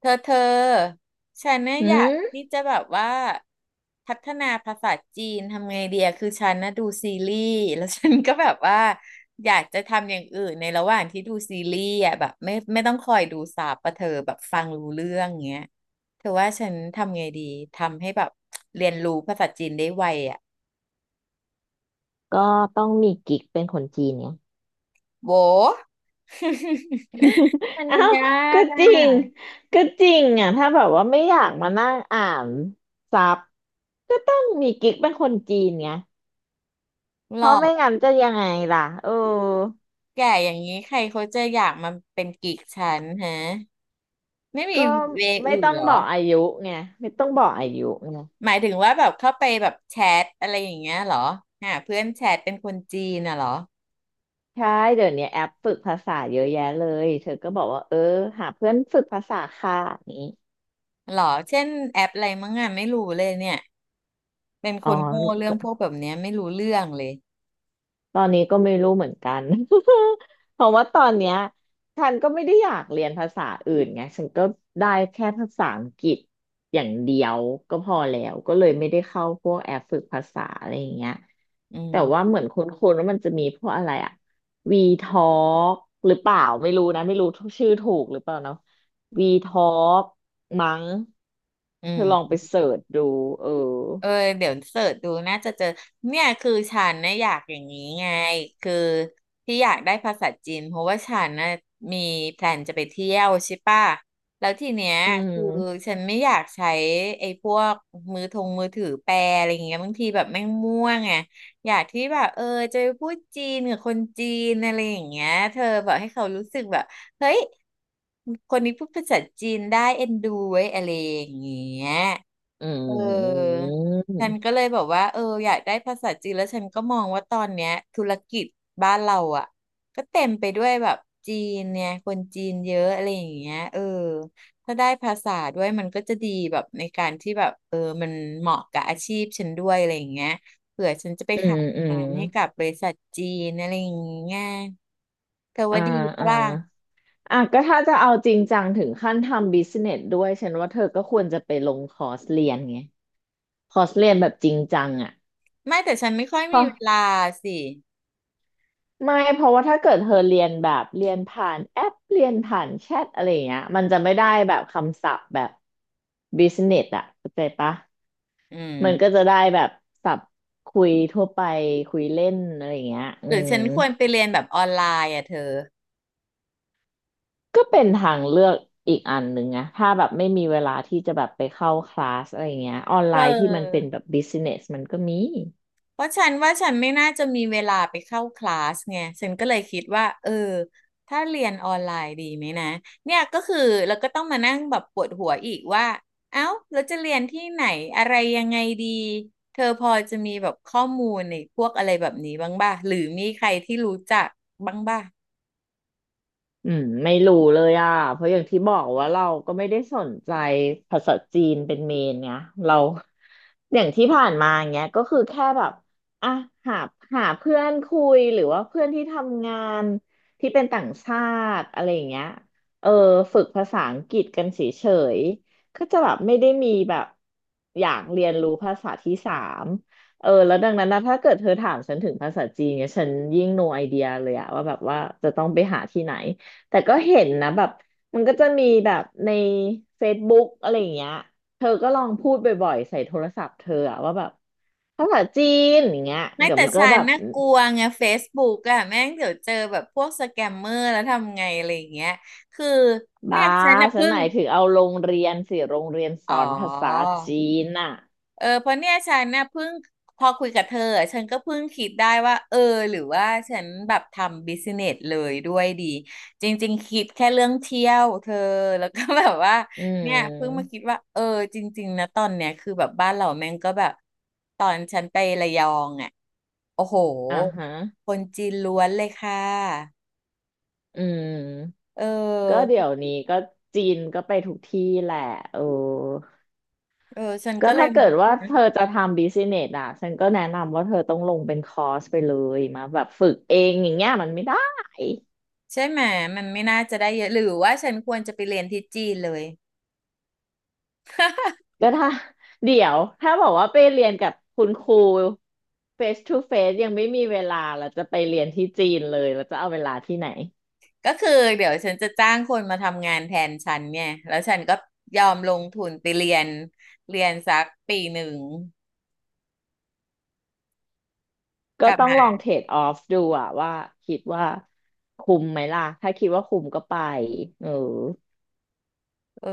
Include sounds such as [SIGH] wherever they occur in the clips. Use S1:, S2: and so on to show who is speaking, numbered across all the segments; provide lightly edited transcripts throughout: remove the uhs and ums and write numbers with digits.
S1: เธอฉันเนี่ย
S2: อื
S1: อยาก
S2: ม
S1: ที่จะแบบว่าพัฒนาภาษาจีนทำไงเดียคือฉันนะดูซีรีส์แล้วฉันก็แบบว่าอยากจะทำอย่างอื่นในระหว่างที่ดูซีรีส์อ่ะแบบไม่ต้องคอยดูซับปะเธอแบบฟังรู้เรื่องเงี้ยเธอว่าฉันทำไงดีทำให้แบบเรียนรู้ภาษาจีนได้ไวอ่ะ
S2: ก็ต้องมีกิ๊กเป็นคนจีนไง
S1: โว้ [LAUGHS] มั
S2: [LAUGHS]
S1: น
S2: อ้าว
S1: ยา
S2: ก็
S1: กอ่ะ
S2: จริงก็จริงอ่ะถ้าแบบว่าไม่อยากมานั่งอ่านซับก็ต้องมีกิ๊กเป็นคนจีนไง
S1: หร
S2: เพ
S1: อ
S2: ราะไม่
S1: ก
S2: งั้นจะยังไงล่ะเออ
S1: แก่อย่างนี้ใครเขาจะอยากมาเป็นกิ๊กฉันฮะไม่มี
S2: ก็
S1: เวย์
S2: ไม่
S1: อื่น
S2: ต้อ
S1: เห
S2: ง
S1: รอ
S2: บอกอายุไงไม่ต้องบอกอายุไง
S1: หมายถึงว่าแบบเข้าไปแบบแชทอะไรอย่างเงี้ยเหรอหาเพื่อนแชทเป็นคนจีนน่ะเหรอ
S2: ใช่เดี๋ยวนี้แอปฝึกภาษาเยอะแยะเลยเธอก็บอกว่าเออหาเพื่อนฝึกภาษาค่ะอย่างนี้
S1: เหรอเช่นแอปอะไรมั้งอ่ะไม่รู้เลยเนี่ยเป็น
S2: อ๋
S1: ค
S2: อ
S1: นโง่เรื่องพวกแบบเนี้ยไม่รู้เรื่องเลย
S2: ตอนนี้ก็ไม่รู้เหมือนกัน [LAUGHS] เพราะว่าตอนเนี้ยฉันก็ไม่ได้อยากเรียนภาษาอื่นไงฉันก็ได้แค่ภาษาอังกฤษอย่างเดียวก็พอแล้วก็เลยไม่ได้เข้าพวกแอปฝึกภาษาอะไรอย่างเงี้ย
S1: อื
S2: แต่ว่า
S1: ม
S2: เหมือนคุ้นๆว่ามันจะมีพวกอะไรอะวีทอล์กหรือเปล่าไม่รู้นะไม่รู้ชื่อถูกหรือเปล่าเนาะวีทอล์กมั้ง
S1: อื
S2: เธอลองไป
S1: ม
S2: เสิร์ชดูเออ
S1: เออเดี๋ยวเสิร์ชดูน่าจะเจอเนี่ยคือฉันนะอยากอย่างนี้ไงคือที่อยากได้ภาษาจีนเพราะว่าฉันนะมีแพลนจะไปเที่ยวใช่ป่ะแล้วทีเนี้ย
S2: อื
S1: คือ
S2: ม
S1: ฉันไม่อยากใช้ไอ้พวกมือถือแปลอะไรอย่างเงี้ยบางทีแบบแม่งม่วงไงอยากที่แบบจะไปพูดจีนกับคนจีนอะไรอย่างเงี้ยเธอแบบให้เขารู้สึกแบบเฮ้ยคนนี้พูดภาษาจีนได้เอ็นดูไว้ยอะไรอย่างเงี้ย
S2: อื
S1: เออ ฉัน
S2: ม
S1: ก็เลยแอกว่าเอออยากได้ภาษาจีนแล้วฉันก็มองว่าตอนเนี้ยธุรกิจบ้านเราอ่ะก็เต็มไปด้วยแบบจีนเนี่ยคนจีนเยอะอะไรอย่างเงี้ยเออถ้าได้ภาษาด้วยมันก็จะดีแบบในการที่แบบมันเหมาะกับอาชีพฉันด้วยอะไรอย่างเงี้ยเผื่อฉันจะไป
S2: อื
S1: ขา
S2: ม
S1: ย
S2: อื
S1: งา
S2: ม
S1: นให้กับบริษัทจีนอะไรอย่างเงี้ยเธอ
S2: อ่า
S1: ว่าดีปะ
S2: อ่า
S1: ล่ะ
S2: อ่ะก็ถ้าจะเอาจริงจังถึงขั้นทำบิสเนสด้วยฉันว่าเธอก็ควรจะไปลงคอร์สเรียนไงคอร์สเรียนแบบจริงจังอ่ะ
S1: ไม่แต่ฉันไม่ค่อย
S2: เพ
S1: มี
S2: ราะ
S1: เวลาสิ
S2: ไม่เพราะว่าถ้าเกิดเธอเรียนแบบเรียนผ่านแอปเรียนผ่านแชทอะไรอย่างเงี้ยมันจะไม่ได้แบบคำศัพท์แบบบิสเนสอ่ะเข้าใจปะ
S1: อื
S2: มันก็
S1: ม
S2: จะได้แบบศัพท์คุยทั่วไปคุยเล่นอะไรอย่างเงี้ยอื
S1: หรือ
S2: ม
S1: ฉันควรไปเรียนแบบออนไลน์อ่ะเธอ
S2: ก็เป็นทางเลือกอีกอันหนึ่งนะถ้าแบบไม่มีเวลาที่จะแบบไปเข้าคลาสอะไรเงี้ยออน
S1: เ
S2: ไลน์ที่มันเป็น
S1: อ
S2: แบบ
S1: อ
S2: บิสเนสมันก็มี
S1: เพราะฉันว่าฉันไม่น่าจะมีเวลาไปเข้าคลาสไงฉันก็เลยคิดว่าเออถ้าเรียนออนไลน์ดีไหมนะเนี่ยก็คือเราก็ต้องมานั่งแบบปวดหัวอีกว่าเอ้าเราจะเรียนที่ไหนอะไรยังไงดีเธอพอจะมีแบบข้อมูลในพวกอะไรแบบนี้บ้างหรือมีใครที่รู้จักบ้างป่ง
S2: อืมไม่รู้เลยอ่ะเพราะอย่างที่บอกว่าเราก็ไม่ได้สนใจภาษาจีนเป็นเมนไงเรา [LAUGHS] อย่างที่ผ่านมาเงี้ยก็คือแค่แบบอ่ะหาหาเพื่อนคุยหรือว่าเพื่อนที่ทำงานที่เป็นต่างชาติอะไรอย่างเงี้ยเออฝึกภาษาอังกฤษกันเฉยๆก็จะแบบไม่ได้มีแบบอยากเรียนรู้ภาษาที่สามเออแล้วดังนั้นนะถ้าเกิดเธอถามฉันถึงภาษาจีนเนี่ยฉันยิ่ง no idea เลยอะว่าแบบว่าจะต้องไปหาที่ไหน แต่ก็เห็นนะแบบมันก็จะมีแบบในเฟซบุ๊กอะไรอย่างเงี้ยเธอก็ลองพูดบ่อยๆใส่โทรศัพท์เธออะว่าแบบภาษาจีนอย่างเงี้ย
S1: ไม่
S2: เดี๋ยว
S1: แต่
S2: มันก็
S1: ฉั
S2: แบ
S1: น
S2: บ
S1: น่ากลัวไง Facebook อะแม่งเดี๋ยวเจอแบบพวกสแกมเมอร์แล้วทำไงอะไรอย่างเงี้ยคือเนี่
S2: บ้า
S1: ยฉันน่ะ
S2: ฉัน
S1: เพิ่
S2: ห
S1: ง
S2: มายถึงเอาโรงเรียนสิโรงเรียนส
S1: อ๋อ
S2: อนภาษาจีนอ่ะ
S1: เออเพราะเนี่ยฉันเนี่ยเพิ่งพอคุยกับเธออะฉันก็เพิ่งคิดได้ว่าเออหรือว่าฉันแบบทำบิสเนสเลยด้วยดีจริงๆคิดแค่เรื่องเที่ยวเธอแล้วก็ [LAUGHS] แบบว่า
S2: อื
S1: เนี่ยเพิ่งมา
S2: ม
S1: คิดว่าเออจริงๆนะตอนเนี้ยคือแบบบ้านเราแม่งก็แบบตอนฉันไประยองอ่ะโอ้โห
S2: อ่าฮะ
S1: คนจีนล้วนเลยค่ะ
S2: อืม
S1: เอ
S2: ก็
S1: อ
S2: เดี๋ยวนี้ก็จีนก็ไปทุกที่แหละเออ
S1: เออฉัน
S2: ก็
S1: ก็เลย
S2: ถ้าเกิดว่าเธอจะทำบิสเนสอ่ะฉันก็แนะนำว่าเธอต้องลงเป็นคอร์สไปเลยมาแบบฝึกเองอย่างเงี้ยมันไม่ได้
S1: ใช่ไหมมันไม่น่าจะได้เยอะหรือว่าฉันควรจะไปเรียนที่จีนเลย [LAUGHS]
S2: ถ้าเดี๋ยวถ้าบอกว่าไปเรียนกับคุณครู face to face ยังไม่มีเวลาแล้วจะไปเรียนที่จีนเลยแล้วจะเอาเวลาที่ไหน
S1: ก็คือเดี๋ยวฉันจะจ้างคนมาทำงานแทนฉันเนี่ยแล้วฉันก็ยอมลงทุนไปเรียนเรียนสักปีหนึ่งก
S2: ก็
S1: ลับ
S2: ต้องลอง
S1: มา
S2: เทรดออฟดูอ่ะว่าคิดว่าคุ้มไหมล่ะถ้าคิดว่าคุ้มก็ไปเออ
S1: เออ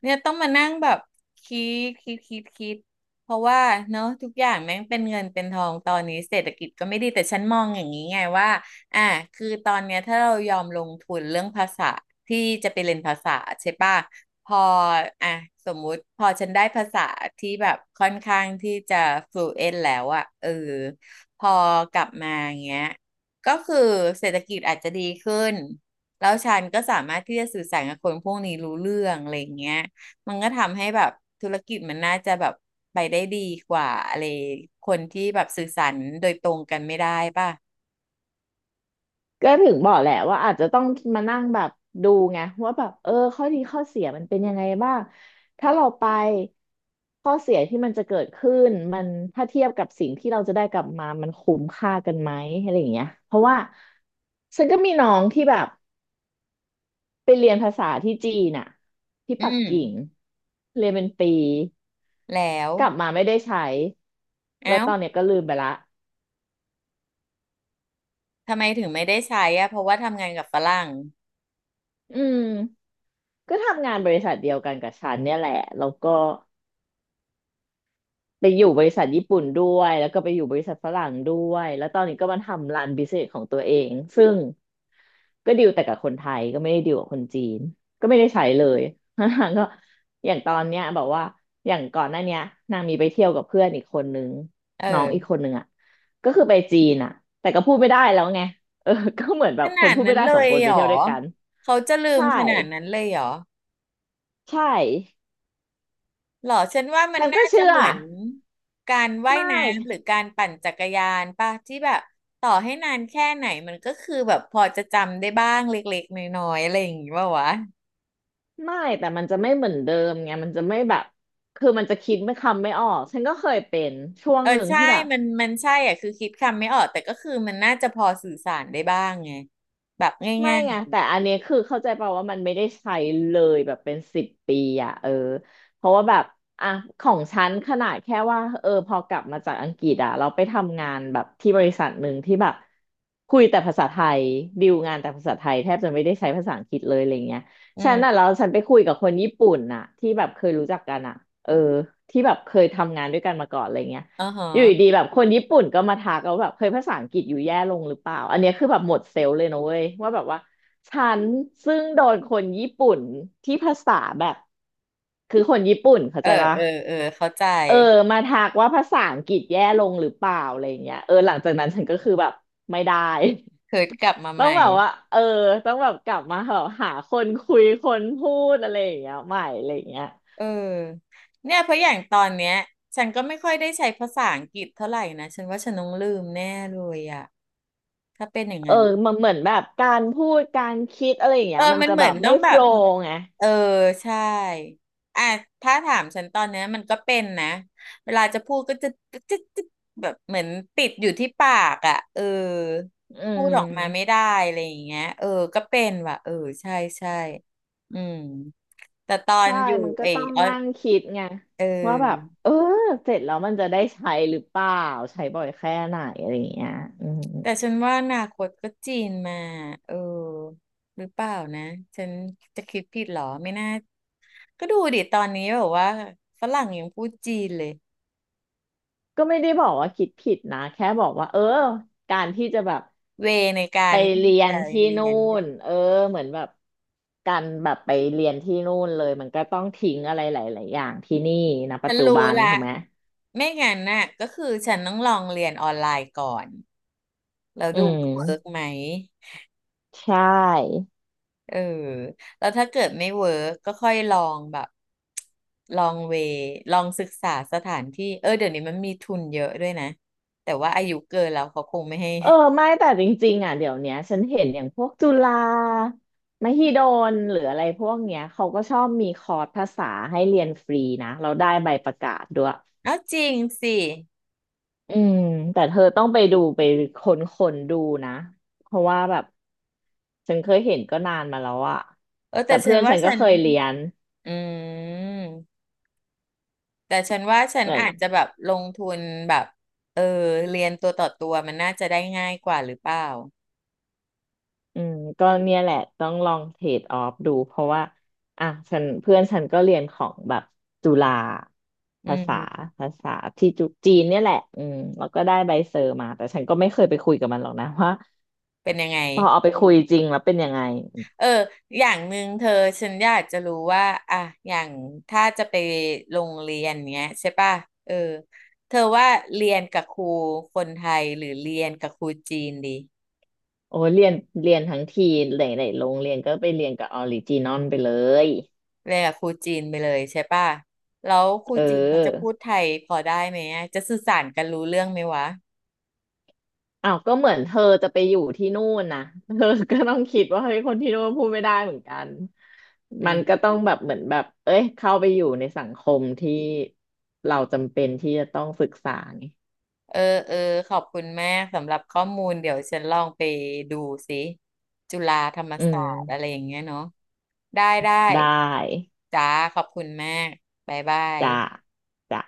S1: เนี่ยต้องมานั่งแบบคิคิดเพราะว่าเนาะทุกอย่างแม่งเป็นเงินเป็นทองตอนนี้เศรษฐกิจก็ไม่ดีแต่ฉันมองอย่างนี้ไงว่าอ่ะคือตอนเนี้ยถ้าเรายอมลงทุนเรื่องภาษาที่จะไปเรียนภาษาใช่ป่ะพออ่ะสมมุติพอฉันได้ภาษาที่แบบค่อนข้างที่จะ fluent แล้วอะเออพอกลับมาอย่างเงี้ยก็คือเศรษฐกิจอาจจะดีขึ้น แล้วฉันก็สามารถที่จะสื่อสารกับคนพวกนี้รู้เรื่องอะไรอย่างเงี้ยมันก็ทำให้แบบธุรกิจมันน่าจะแบบไปได้ดีกว่าอะไรคนที่แบบสื่อสารโดยตรงกันไม่ได้ป่ะ
S2: ก็ถึงบอกแหละว่าอาจจะต้องมานั่งแบบดูไงว่าแบบเออข้อดีข้อเสียมันเป็นยังไงบ้างถ้าเราไปข้อเสียที่มันจะเกิดขึ้นมันถ้าเทียบกับสิ่งที่เราจะได้กลับมามันคุ้มค่ากันไหมอะไรอย่างเงี้ยเพราะว่าฉันก็มีน้องที่แบบไปเรียนภาษาที่จีนน่ะที่
S1: อื
S2: ปัก
S1: ม
S2: กิ่งเรียนเป็นปี
S1: แล้ว
S2: กลับมาไม่ได้ใช้
S1: เอ้า
S2: แล้วตอนเนี้ยก็ลืมไปละ
S1: ทำไมถึงไม่ได้ใช้อะเพราะว่าทำงานกับฝรั่ง
S2: อืมก็ทำงานบริษัทเดียวกันกับฉันเนี่ยแหละแล้วก็ ไปอยู่บริษัทญี่ปุ่นด้วยแล้วก็ไปอยู่บริษัทฝรั่งด้วยแล้วตอนนี้ก็มาทำร้านบิสเนสของตัวเองซึ่งก็ดีลแต่กับคนไทยก็ไม่ได้ดีลกับคนจีนก็ไม่ได้ใช้เลย [LAUGHS] นางก็อย่างตอนเนี้ยบอกว่าอย่างก่อนหน้าเนี้ยนางมีไปเที่ยวกับเพื่อนอีกคนนึง
S1: เ
S2: น้องอีกค
S1: ออ
S2: นนึงอ่ะก็คือไปจีนอ่ะแต่ก็พูดไม่ได้แล้วไงเออ [LAUGHS] ก็เหมือนแบ
S1: ข
S2: บคน
S1: นาด
S2: พูดไม่
S1: นั้น
S2: ได้
S1: เล
S2: สอง
S1: ย
S2: คนไป
S1: เหร
S2: เที่ย
S1: อ
S2: วด้วยกัน
S1: เขาจะลืม
S2: ใช่
S1: ขนาดนั้นเลยเหรอ
S2: ใช่
S1: หรอฉันว่ามัน
S2: ฉันก็
S1: น่าจะ
S2: เชื่อ
S1: เหมือนการว่าย
S2: ไม่
S1: น้ำหรือการปั่นจักรยานป่ะที่แบบต่อให้นานแค่ไหนมันก็คือแบบพอจะจำได้บ้างเล็กๆน้อยๆอะไรอย่างงี้ป่าววะ
S2: ไม่แต่มันจะไม่เหมือนเดิมไงมันจะไม่แบบคือมันจะคิดไม่คำไม่ออกฉันก็เคยเป็นช่วง
S1: เออ
S2: หนึ่ง
S1: ใช่
S2: ที่แบบ
S1: มันใช่อ่ะคือคิดคำไม่ออกแต่ก็คือมันน่าจะพอสื่อสารได้บ้างไงแบบง
S2: ไม่
S1: ่าย
S2: ไงแต่อันเนี้ยคือเข้าใจเปล่าว่ามันไม่ได้ใช้เลยแบบเป็นสิบปีอ่ะเออเพราะว่าแบบอ่ะของฉันขนาดแค่ว่าเออพอกลับมาจากอังกฤษอ่ะเราไปทำงานแบบที่บริษัทหนึ่งที่แบบคุยแต่ภาษาไทยดีลงานแต่ภาษาไทยแทบจะไม่ได้ใช้ภาษาอังกฤษเลยอะไรเงี้ย
S1: ๆอื
S2: ฉั
S1: ม
S2: นอ่ะแล้วฉันไปคุยกับคนญี่ปุ่นน่ะที่แบบเคยรู้จักกันอ่ะเออที่แบบเคยทำงานด้วยกันมาก่อนอะไรเงี้ย
S1: อ๋อ
S2: อยู่
S1: ฮะ
S2: ดีๆแบบคนญี่ปุ่นก็มาทักเราแบบเคยภาษาอังกฤษอยู่แย่ลงหรือเปล่าอันเนี้ยคือแบบหมดเซลล์เลยนะเว้ยว่าแบบว่าฉันซึ่งโดนคนญี่ปุ่นที่ภาษาแบบคือคนญี่ปุ่นเข้า
S1: เอ
S2: ใจ
S1: อ
S2: ปะ
S1: เออเออเข้าใจ
S2: เออมาทักว่าภาษาอังกฤษแย่ลงหรือเปล่าอะไรเงี้ยหลังจากนั้นฉันก็คือแบบไม่ได้
S1: เคิร์ดกลับมา
S2: [LAUGHS]
S1: ให
S2: ต้อง
S1: ม่
S2: แบบว่าต้องแบบกลับมาแบบหาคนคุยคนพูดอะไรอย่างเงี้ยใหม่อะไรอย่างเงี้ย
S1: เออเนี่ยเพราะอย่างตอนเนี้ยฉันก็ไม่ค่อยได้ใช้ภาษาอังกฤษเท่าไหร่นะฉันว่าฉันต้องลืมแน่เลยอ่ะถ้าเป็นอย่าง
S2: เออ
S1: นั้น
S2: มันเหมือนแบบการพูดการคิดอะไรอย่าง
S1: เอ
S2: เงี้
S1: อ
S2: ยมัน
S1: มัน
S2: จะ
S1: เหมื
S2: แบ
S1: อ
S2: บ
S1: นต้
S2: ไม่
S1: องแบ
S2: โฟล
S1: บ
S2: ว์ไง
S1: เออใช่อ่ะถ้าถามฉันตอนเนี้ยมันก็เป็นนะเวลาจะพูดก็จะแบบเหมือนติดอยู่ที่ปากอ่ะเออ
S2: อื
S1: พูดออกมาไม่
S2: ม
S1: ได้อะไรอย่างเงี้ยเออก็เป็นว่ะเออใช่ใช่อืมแต่ตอน
S2: ใช่
S1: อยู่
S2: มันก็
S1: ไอ
S2: ต้อง
S1: ออส
S2: นั่งคิดไง
S1: เอ
S2: ว่าแบบ
S1: อ
S2: เสร็จแล้วมันจะได้ใช้หรือเปล่าใช้บ่อยแค่ไหนอะไรอย่างเงี้ยอืม
S1: แต่ฉันว่าอนาคตก็จีนมาเออหรือเปล่านะฉันจะคิดผิดเหรอไม่น่าก็ดูดิตอนนี้แบบว่าฝรั่งยังพูดจีนเลย
S2: ก็ไม่ได้บอกว่าคิดผิดนะแค่บอกว่าการที่จะแบบ
S1: เวในกา
S2: ไป
S1: รที่
S2: เรียน
S1: จะเ
S2: ที่
S1: รี
S2: นู่
S1: ยน
S2: นเหมือนแบบการแบบไปเรียนที่นู่นเลยมันก็ต้องทิ้งอะไรหลายๆอย่างที่นี่นะปั
S1: ฉั
S2: จ
S1: น
S2: จุบั
S1: รู้
S2: นถู
S1: ละ
S2: กไหม
S1: ไม่งั้นน่ะก็คือฉันต้องลองเรียนออนไลน์ก่อนแล้ว
S2: อื
S1: ดูว่าเวิร์ก
S2: ม
S1: ไหม
S2: ใช่
S1: เออแล้วถ้าเกิดไม่เวิร์กก็ค่อยลองแบบลองเวลองศึกษาสถานที่เออเดี๋ยวนี้มันมีทุนเยอะด้วยนะแต่ว่าอายุเกินแล้วเขาคงไม่ให้
S2: ไม่แต่จริงๆอ่ะเดี๋ยวเนี้ยฉันเห็นอย่างพวกจุฬามหิดลหรืออะไรพวกเนี้ยเขาก็ชอบมีคอร์สภาษาให้เรียนฟรีนะเราได้ใบประกาศด้วย
S1: [LAUGHS] เอาจริงสิ
S2: อืมแต่เธอต้องไปดูไปค้นคนดูนะเพราะว่าแบบฉันเคยเห็นก็นานมาแล้วอะ
S1: เออแต่
S2: แต่
S1: ฉั
S2: เพื่
S1: น
S2: อน
S1: ว่า
S2: ฉัน
S1: ฉั
S2: ก็
S1: น
S2: เคยเรียน
S1: อืมแต่ฉันว่าฉั
S2: เห
S1: น
S2: มือน
S1: อาจจะแบบลงทุนแบบเออเรียนตัวต่อตัวมันน่าจะได้ง่ายกว่าหรือเปล่า
S2: อืมก็เนี่ยแหละต้องลองเทรดออฟดูเพราะว่าอ่ะฉันเพื่อนฉันก็เรียนของแบบจุฬา
S1: อื
S2: ภาษา
S1: ม
S2: ภาษาที่จุจีนเนี่ยแหละอืมแล้วก็ได้ใบเซอร์มาแต่ฉันก็ไม่เคยไปคุยกับมันหรอกนะ [LAUGHS] ว่า
S1: เป็นยังไง
S2: พอเอาไปคุยจริงแล้วเป็นยังไง
S1: เอออย่างหนึ่งเธอฉันอยากจะรู้ว่า อ่ะอย่างถ้าจะไปโรงเรียนเนี้ยใช่ป่ะเออเธอว่าเรียนกับครูคนไทยหรือเรียนกับครูจีนดี
S2: โอ้เรียนเรียนทั้งทีหลายๆโรงเรียนก็ไปเรียนกับออริจินอลไปเลย
S1: เรียนกับครูจีนไปเลยใช่ป่ะแล้วครู
S2: เออ
S1: จีนเขาจะพูดไทยพอได้ไหมอะจะสื่อสารกันรู้เรื่องไหมวะ
S2: อ้าวก็เหมือนเธอจะไปอยู่ที่นู่นนะ [LAUGHS] เธอก็ต้องคิดว่าเฮ้ยคนที่นู่นพูดไม่ได้เหมือนกัน
S1: อื
S2: มัน
S1: ม
S2: ก็ต้องแบบเหมือนแบบเอ้ยเข้าไปอยู่ในสังคมที่เราจำเป็นที่จะต้องศึกษาไง
S1: เออเออขอบคุณมากสำหรับข้อมูลเดี๋ยวฉันลองไปดูสิจุฬาธรรม
S2: อื
S1: ศา
S2: ม
S1: สตร์อะไรอย่างเงี้ยเนาะได้ได้
S2: ได้
S1: จ้าขอบคุณมากบ๊ายบาย
S2: จ้ะจ้ะ